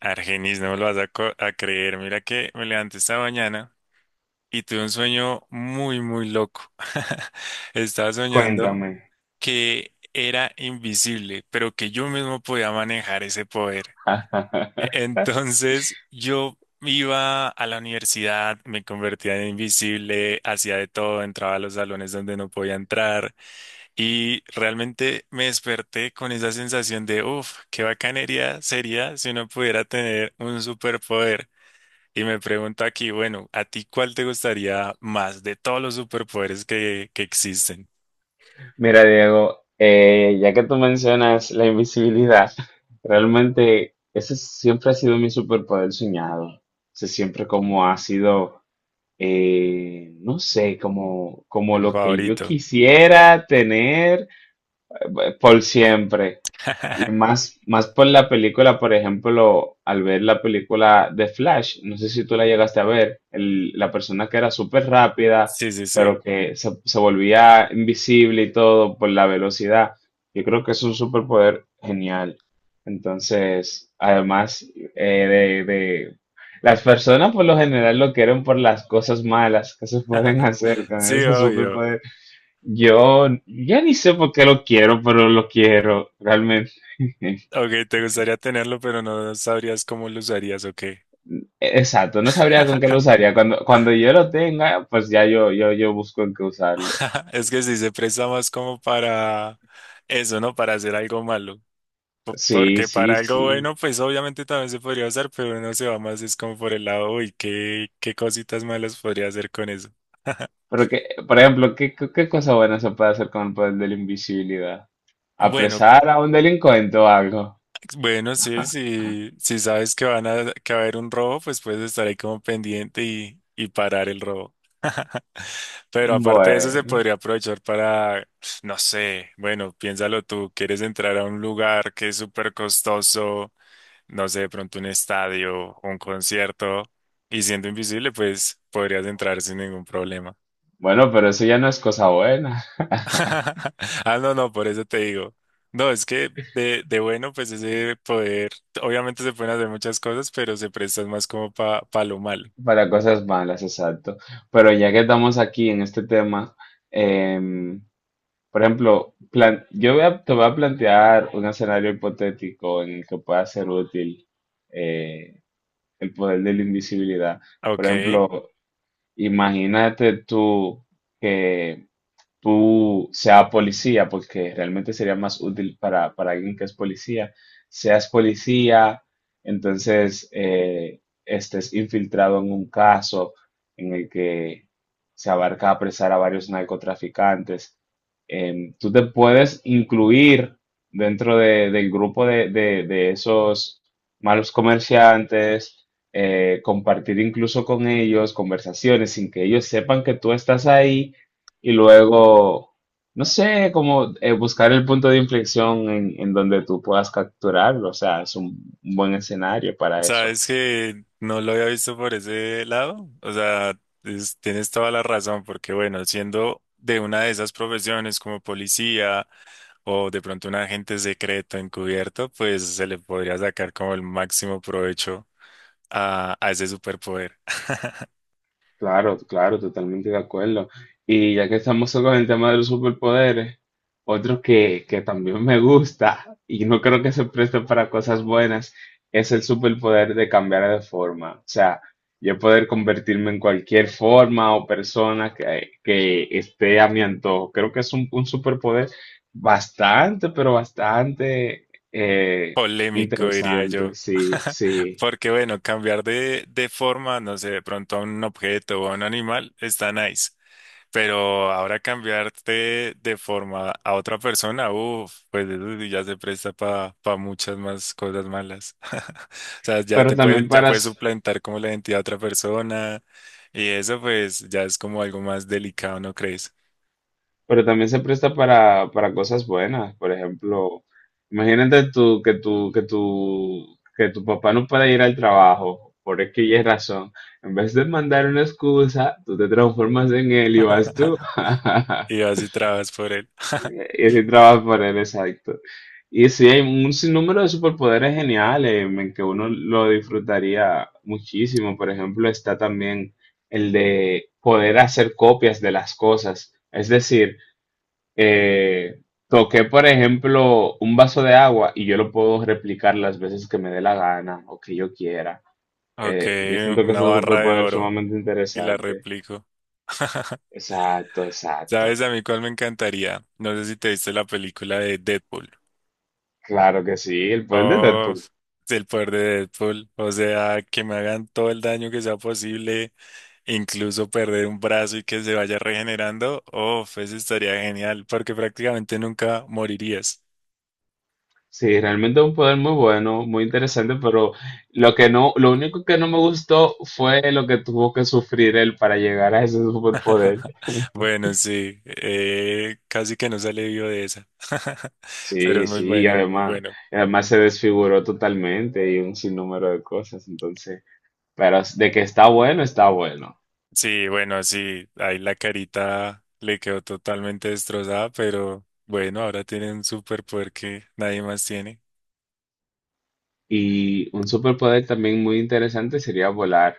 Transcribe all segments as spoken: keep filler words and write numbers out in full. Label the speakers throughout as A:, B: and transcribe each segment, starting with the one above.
A: Argenis, no me lo vas a, co- a creer. Mira que me levanté esta mañana y tuve un sueño muy, muy loco. Estaba soñando
B: Cuéntame.
A: que era invisible, pero que yo mismo podía manejar ese poder. E- Entonces yo iba a la universidad, me convertía en invisible, hacía de todo, entraba a los salones donde no podía entrar y realmente me desperté con esa sensación de, uff, qué bacanería sería si uno pudiera tener un superpoder. Y me pregunta aquí, bueno, ¿a ti cuál te gustaría más de todos los superpoderes que, que existen?
B: Mira, Diego, eh, ya que tú mencionas la invisibilidad, realmente ese siempre ha sido mi superpoder soñado. O siempre como ha sido, eh, no sé, como, como
A: El
B: lo que yo
A: favorito.
B: quisiera tener eh, por siempre. Y más, más por la película, por ejemplo, al ver la película de Flash, no sé si tú la llegaste a ver, el- la persona que era súper rápida,
A: Sí, sí, sí.
B: pero que se, se volvía invisible y todo por la velocidad. Yo creo que es un superpoder genial. Entonces, además eh, de, de- las personas por lo general lo quieren por las cosas malas que se pueden hacer con
A: Sí,
B: ese
A: obvio.
B: superpoder. Yo ya ni sé por qué lo quiero, pero lo quiero realmente.
A: Ok, te gustaría tenerlo, pero no sabrías cómo lo usarías o qué.
B: E-, Exacto, no sabría con qué lo usaría. Cuando, cuando yo lo tenga, pues ya yo, yo, yo busco en qué usarlo.
A: Es que sí se presta más como para eso, ¿no? Para hacer algo malo. po-
B: Sí,
A: Porque para
B: sí,
A: algo
B: sí.
A: bueno, pues obviamente también se podría usar, pero uno se va más, es como por el lado, uy, qué, qué cositas malas podría hacer con eso.
B: Porque, por ejemplo, ¿qué, qué, qué cosa buena se puede hacer con pues, el poder de la invisibilidad?
A: Bueno,
B: ¿Apresar a un delincuente o algo?
A: pues, bueno, sí, sí, si sabes que van a, que va a haber un robo, pues puedes estar ahí como pendiente y, y parar el robo. Pero aparte de eso, se
B: Bueno,
A: podría aprovechar para, no sé, bueno, piénsalo tú, quieres entrar a un lugar que es súper costoso, no sé, de pronto un estadio, un concierto, y siendo invisible, pues podrías entrar sin ningún problema.
B: bueno, pero eso ya no es cosa buena.
A: Ah, no, no, por eso te digo. No, es que de, de bueno, pues ese poder, obviamente se pueden hacer muchas cosas, pero se prestan más como para pa pa lo malo.
B: Para cosas malas, exacto. Pero ya que estamos aquí en este tema, em, Por ejemplo, plan- yo voy a, te voy a plantear un escenario hipotético en el que pueda ser útil eh, el poder de la invisibilidad. Por
A: Ok,
B: ejemplo, imagínate tú que tú sea policía, porque realmente sería más útil para, para alguien que es policía, seas policía, entonces eh, estés infiltrado en un caso en el que se abarca apresar a varios narcotraficantes. Em, tú te puedes incluir dentro de- del grupo de, de- de esos malos comerciantes, eh, compartir incluso con ellos conversaciones sin que ellos sepan que tú estás ahí y luego, no sé, como eh, buscar el punto de inflexión en, en donde tú puedas capturarlo. O sea, es un un buen escenario para eso.
A: sabes que no lo había visto por ese lado, o sea, es- tienes toda la razón, porque bueno, siendo de una de esas profesiones como policía, o de pronto un agente secreto encubierto, pues se le podría sacar como el máximo provecho a, a ese superpoder.
B: Claro, claro, totalmente de acuerdo. Y ya que estamos con el tema de los superpoderes, otro que, que también me gusta y no creo que se preste para cosas buenas es el superpoder de cambiar de forma. O sea, yo poder convertirme en cualquier forma o persona que, que esté a mi antojo. Creo que es un, un superpoder bastante, pero bastante eh,
A: Polémico, diría
B: interesante,
A: yo.
B: sí, sí.
A: Porque bueno, cambiar de, de forma, no sé, de pronto a un objeto o a un animal está nice. Pero ahora cambiarte de forma a otra persona, uff, pues eso sí ya se presta para muchas más cosas malas. O sea, ya
B: Pero
A: te puede,
B: también
A: ya
B: para,
A: puedes
B: s-
A: suplantar como la identidad de otra persona y eso pues ya es como algo más delicado, ¿no crees?
B: Pero también se presta para, para cosas buenas. Por ejemplo, imagínate tú que tu, que tu, que tu papá no pueda ir al trabajo por X y razón. En vez de mandar una excusa, tú te transformas en él y vas tú.
A: Y vas y trabajas por él.
B: Y así trabajas por él, exacto. Y sí, hay un sinnúmero de superpoderes geniales en que uno lo disfrutaría muchísimo. Por ejemplo, está también el de poder hacer copias de las cosas. Es decir, eh, toqué, por ejemplo, un vaso de agua y yo lo puedo replicar las veces que me dé la gana o que yo quiera.
A: Ok,
B: Eh, yo siento que es
A: una
B: un
A: barra de
B: superpoder
A: oro
B: sumamente
A: y la
B: interesante.
A: replico.
B: Exacto,
A: ¿Sabes
B: exacto.
A: a mí cuál me encantaría? No sé si te viste la película de Deadpool.
B: Claro que sí, el poder de
A: Oh,
B: Deadpool.
A: el poder de Deadpool. O sea, que me hagan todo el daño que sea posible, incluso perder un brazo y que se vaya regenerando. Oh, eso estaría genial, porque prácticamente nunca morirías.
B: Sí, realmente es un poder muy bueno, muy interesante, pero lo que no, lo único que no me gustó fue lo que tuvo que sufrir él para llegar a ese superpoder.
A: Bueno, sí, eh, casi que no sale vivo de esa. Pero es
B: Sí,
A: muy
B: sí, y
A: bueno, muy
B: además,
A: bueno.
B: y además se desfiguró totalmente y un sinnúmero de cosas, entonces. Pero de que está bueno, está bueno.
A: Sí, bueno, sí, ahí la carita le quedó totalmente destrozada, pero bueno, ahora tiene un superpoder que nadie más tiene.
B: Y un superpoder también muy interesante sería volar.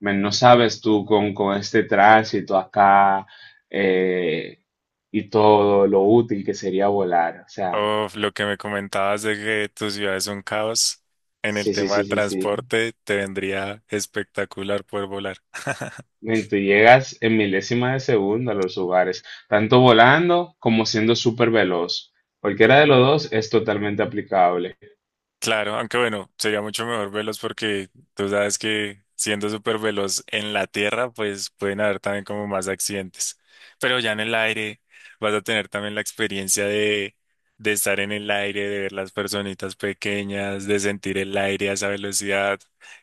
B: Men, no sabes tú con, con este tránsito acá eh, y todo lo útil que sería volar. O sea,
A: Uf, lo que me comentabas de que tu ciudad es un caos en el
B: sí, sí,
A: tema
B: sí,
A: del
B: sí, sí.
A: transporte, te vendría espectacular poder volar.
B: Men, tú llegas en milésima de segundo a los lugares, tanto volando como siendo súper veloz. Cualquiera de los dos es totalmente aplicable.
A: Claro, aunque bueno, sería mucho mejor veloz porque tú sabes que siendo súper veloz en la tierra, pues pueden haber también como más accidentes. Pero ya en el aire vas a tener también la experiencia de, de estar en el aire, de ver las personitas pequeñas, de sentir el aire a esa velocidad.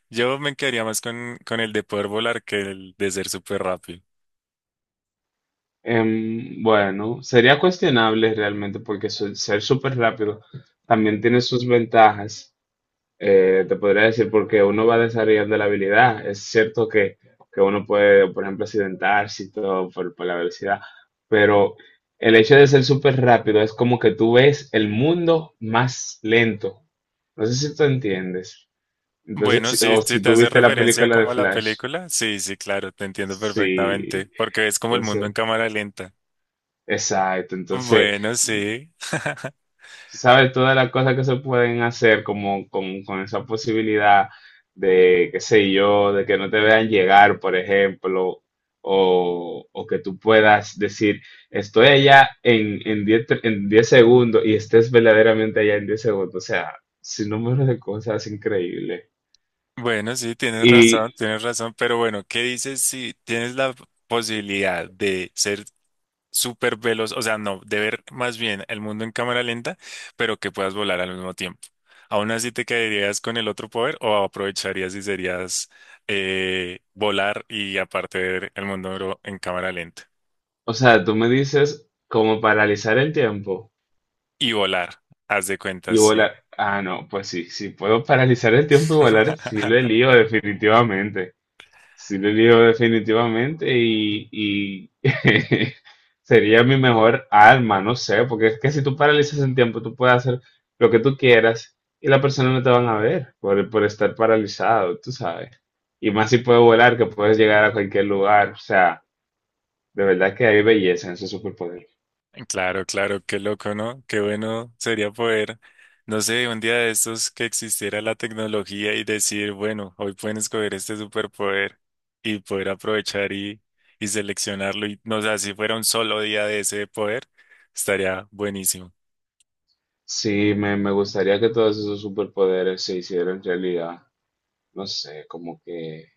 A: Yo me quedaría más con, con el de poder volar que el de ser súper rápido.
B: Em, bueno, sería cuestionable realmente porque su- ser súper rápido también tiene sus ventajas. Eh, te podría decir porque uno va desarrollando la habilidad. Es cierto que, que uno puede, por ejemplo, accidentarse y todo por, por la velocidad, pero el hecho de ser súper rápido es como que tú ves el mundo más lento. No sé si tú entiendes. Entonces,
A: Bueno,
B: si-
A: si,
B: o
A: si
B: si
A: te
B: tú
A: hace
B: viste la
A: referencia
B: película de
A: como a la
B: Flash.
A: película, sí, sí, claro, te entiendo perfectamente,
B: Sí,
A: porque es como el mundo en
B: entonces,
A: cámara lenta.
B: exacto. Entonces.
A: Bueno, sí.
B: Sabes, todas las cosas que se pueden hacer como con, con esa posibilidad de, qué sé yo, de que no te vean llegar, por ejemplo, o, o que tú puedas decir, estoy allá en, en diez tre- en diez segundos y estés verdaderamente allá en diez segundos. O sea, sin número de cosas increíbles.
A: Bueno, sí, tienes
B: Y,
A: razón, tienes razón, pero bueno, ¿qué dices si tienes la posibilidad de ser súper veloz, o sea, no, de ver más bien el mundo en cámara lenta, pero que puedas volar al mismo tiempo? ¿Aún así te quedarías con el otro poder o aprovecharías y serías eh, volar y aparte ver el mundo en cámara lenta?
B: o sea, tú me dices como paralizar el tiempo
A: Y volar, haz de
B: y
A: cuentas, sí.
B: volar. Ah, no, pues sí, si puedo paralizar el tiempo y volar, sí lo lío definitivamente. Sí, le digo definitivamente y, y sería mi mejor arma, no sé, porque es que si tú paralizas el tiempo, tú puedes hacer lo que tú quieras y la persona no te van a ver por, por estar paralizado, tú sabes. Y más si puedes volar, que puedes llegar a cualquier lugar, o sea, de verdad que hay belleza en ese superpoder.
A: Claro, claro, qué loco, ¿no? Qué bueno sería poder, no sé, un día de estos que existiera la tecnología y decir, bueno, hoy pueden escoger este superpoder y poder aprovechar y, y seleccionarlo. Y no sé, si fuera un solo día de ese poder, estaría buenísimo.
B: Sí, me, me gustaría que todos esos superpoderes se hicieran realidad, no sé, como que.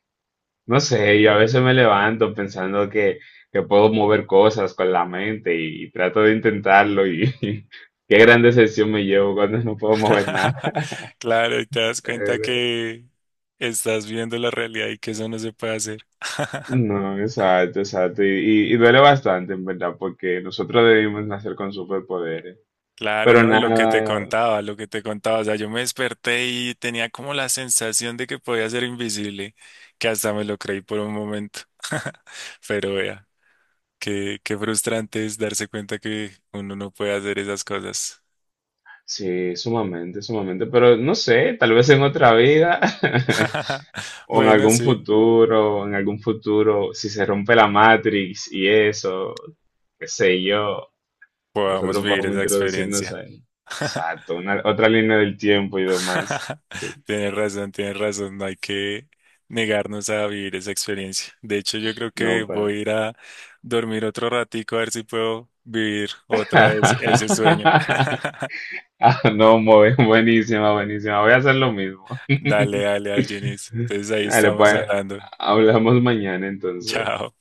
B: No sé, yo a veces me levanto pensando que, que puedo mover cosas con la mente y, trato de intentarlo y, qué gran decepción me llevo cuando no puedo mover nada.
A: Claro, y te das cuenta
B: Pero,
A: que estás viendo la realidad y que eso no se puede hacer.
B: No, exacto, exacto. Y, y- y duele bastante, en verdad, porque nosotros debimos nacer con superpoderes.
A: Claro,
B: Pero
A: no, y lo que te
B: nada,
A: contaba, lo que te contaba, o sea, yo me desperté y tenía como la sensación de que podía ser invisible, que hasta me lo creí por un momento. Pero vea, qué, qué frustrante es darse cuenta que uno no puede hacer esas cosas.
B: sí, sumamente, sumamente. Pero no sé, tal vez en otra vida. O en
A: Bueno,
B: algún
A: sí,
B: futuro, en algún futuro, si se rompe la Matrix y eso, qué sé yo,
A: podamos
B: nosotros
A: vivir
B: podemos
A: esa
B: introducirnos
A: experiencia.
B: ahí. Exacto, una- otra línea del tiempo y demás. Sí,
A: Tienes razón, tienes razón, no hay que negarnos a vivir esa experiencia. De hecho, yo creo que
B: no,
A: voy
B: para.
A: a ir a dormir otro ratico a ver si puedo vivir otra vez ese sueño.
B: Ah, no, muy- buenísima, buenísima. Voy a hacer lo mismo.
A: Dale, dale, Argenis. Entonces ahí
B: Dale,
A: estamos
B: pues,
A: hablando.
B: hablamos mañana entonces.
A: Chao.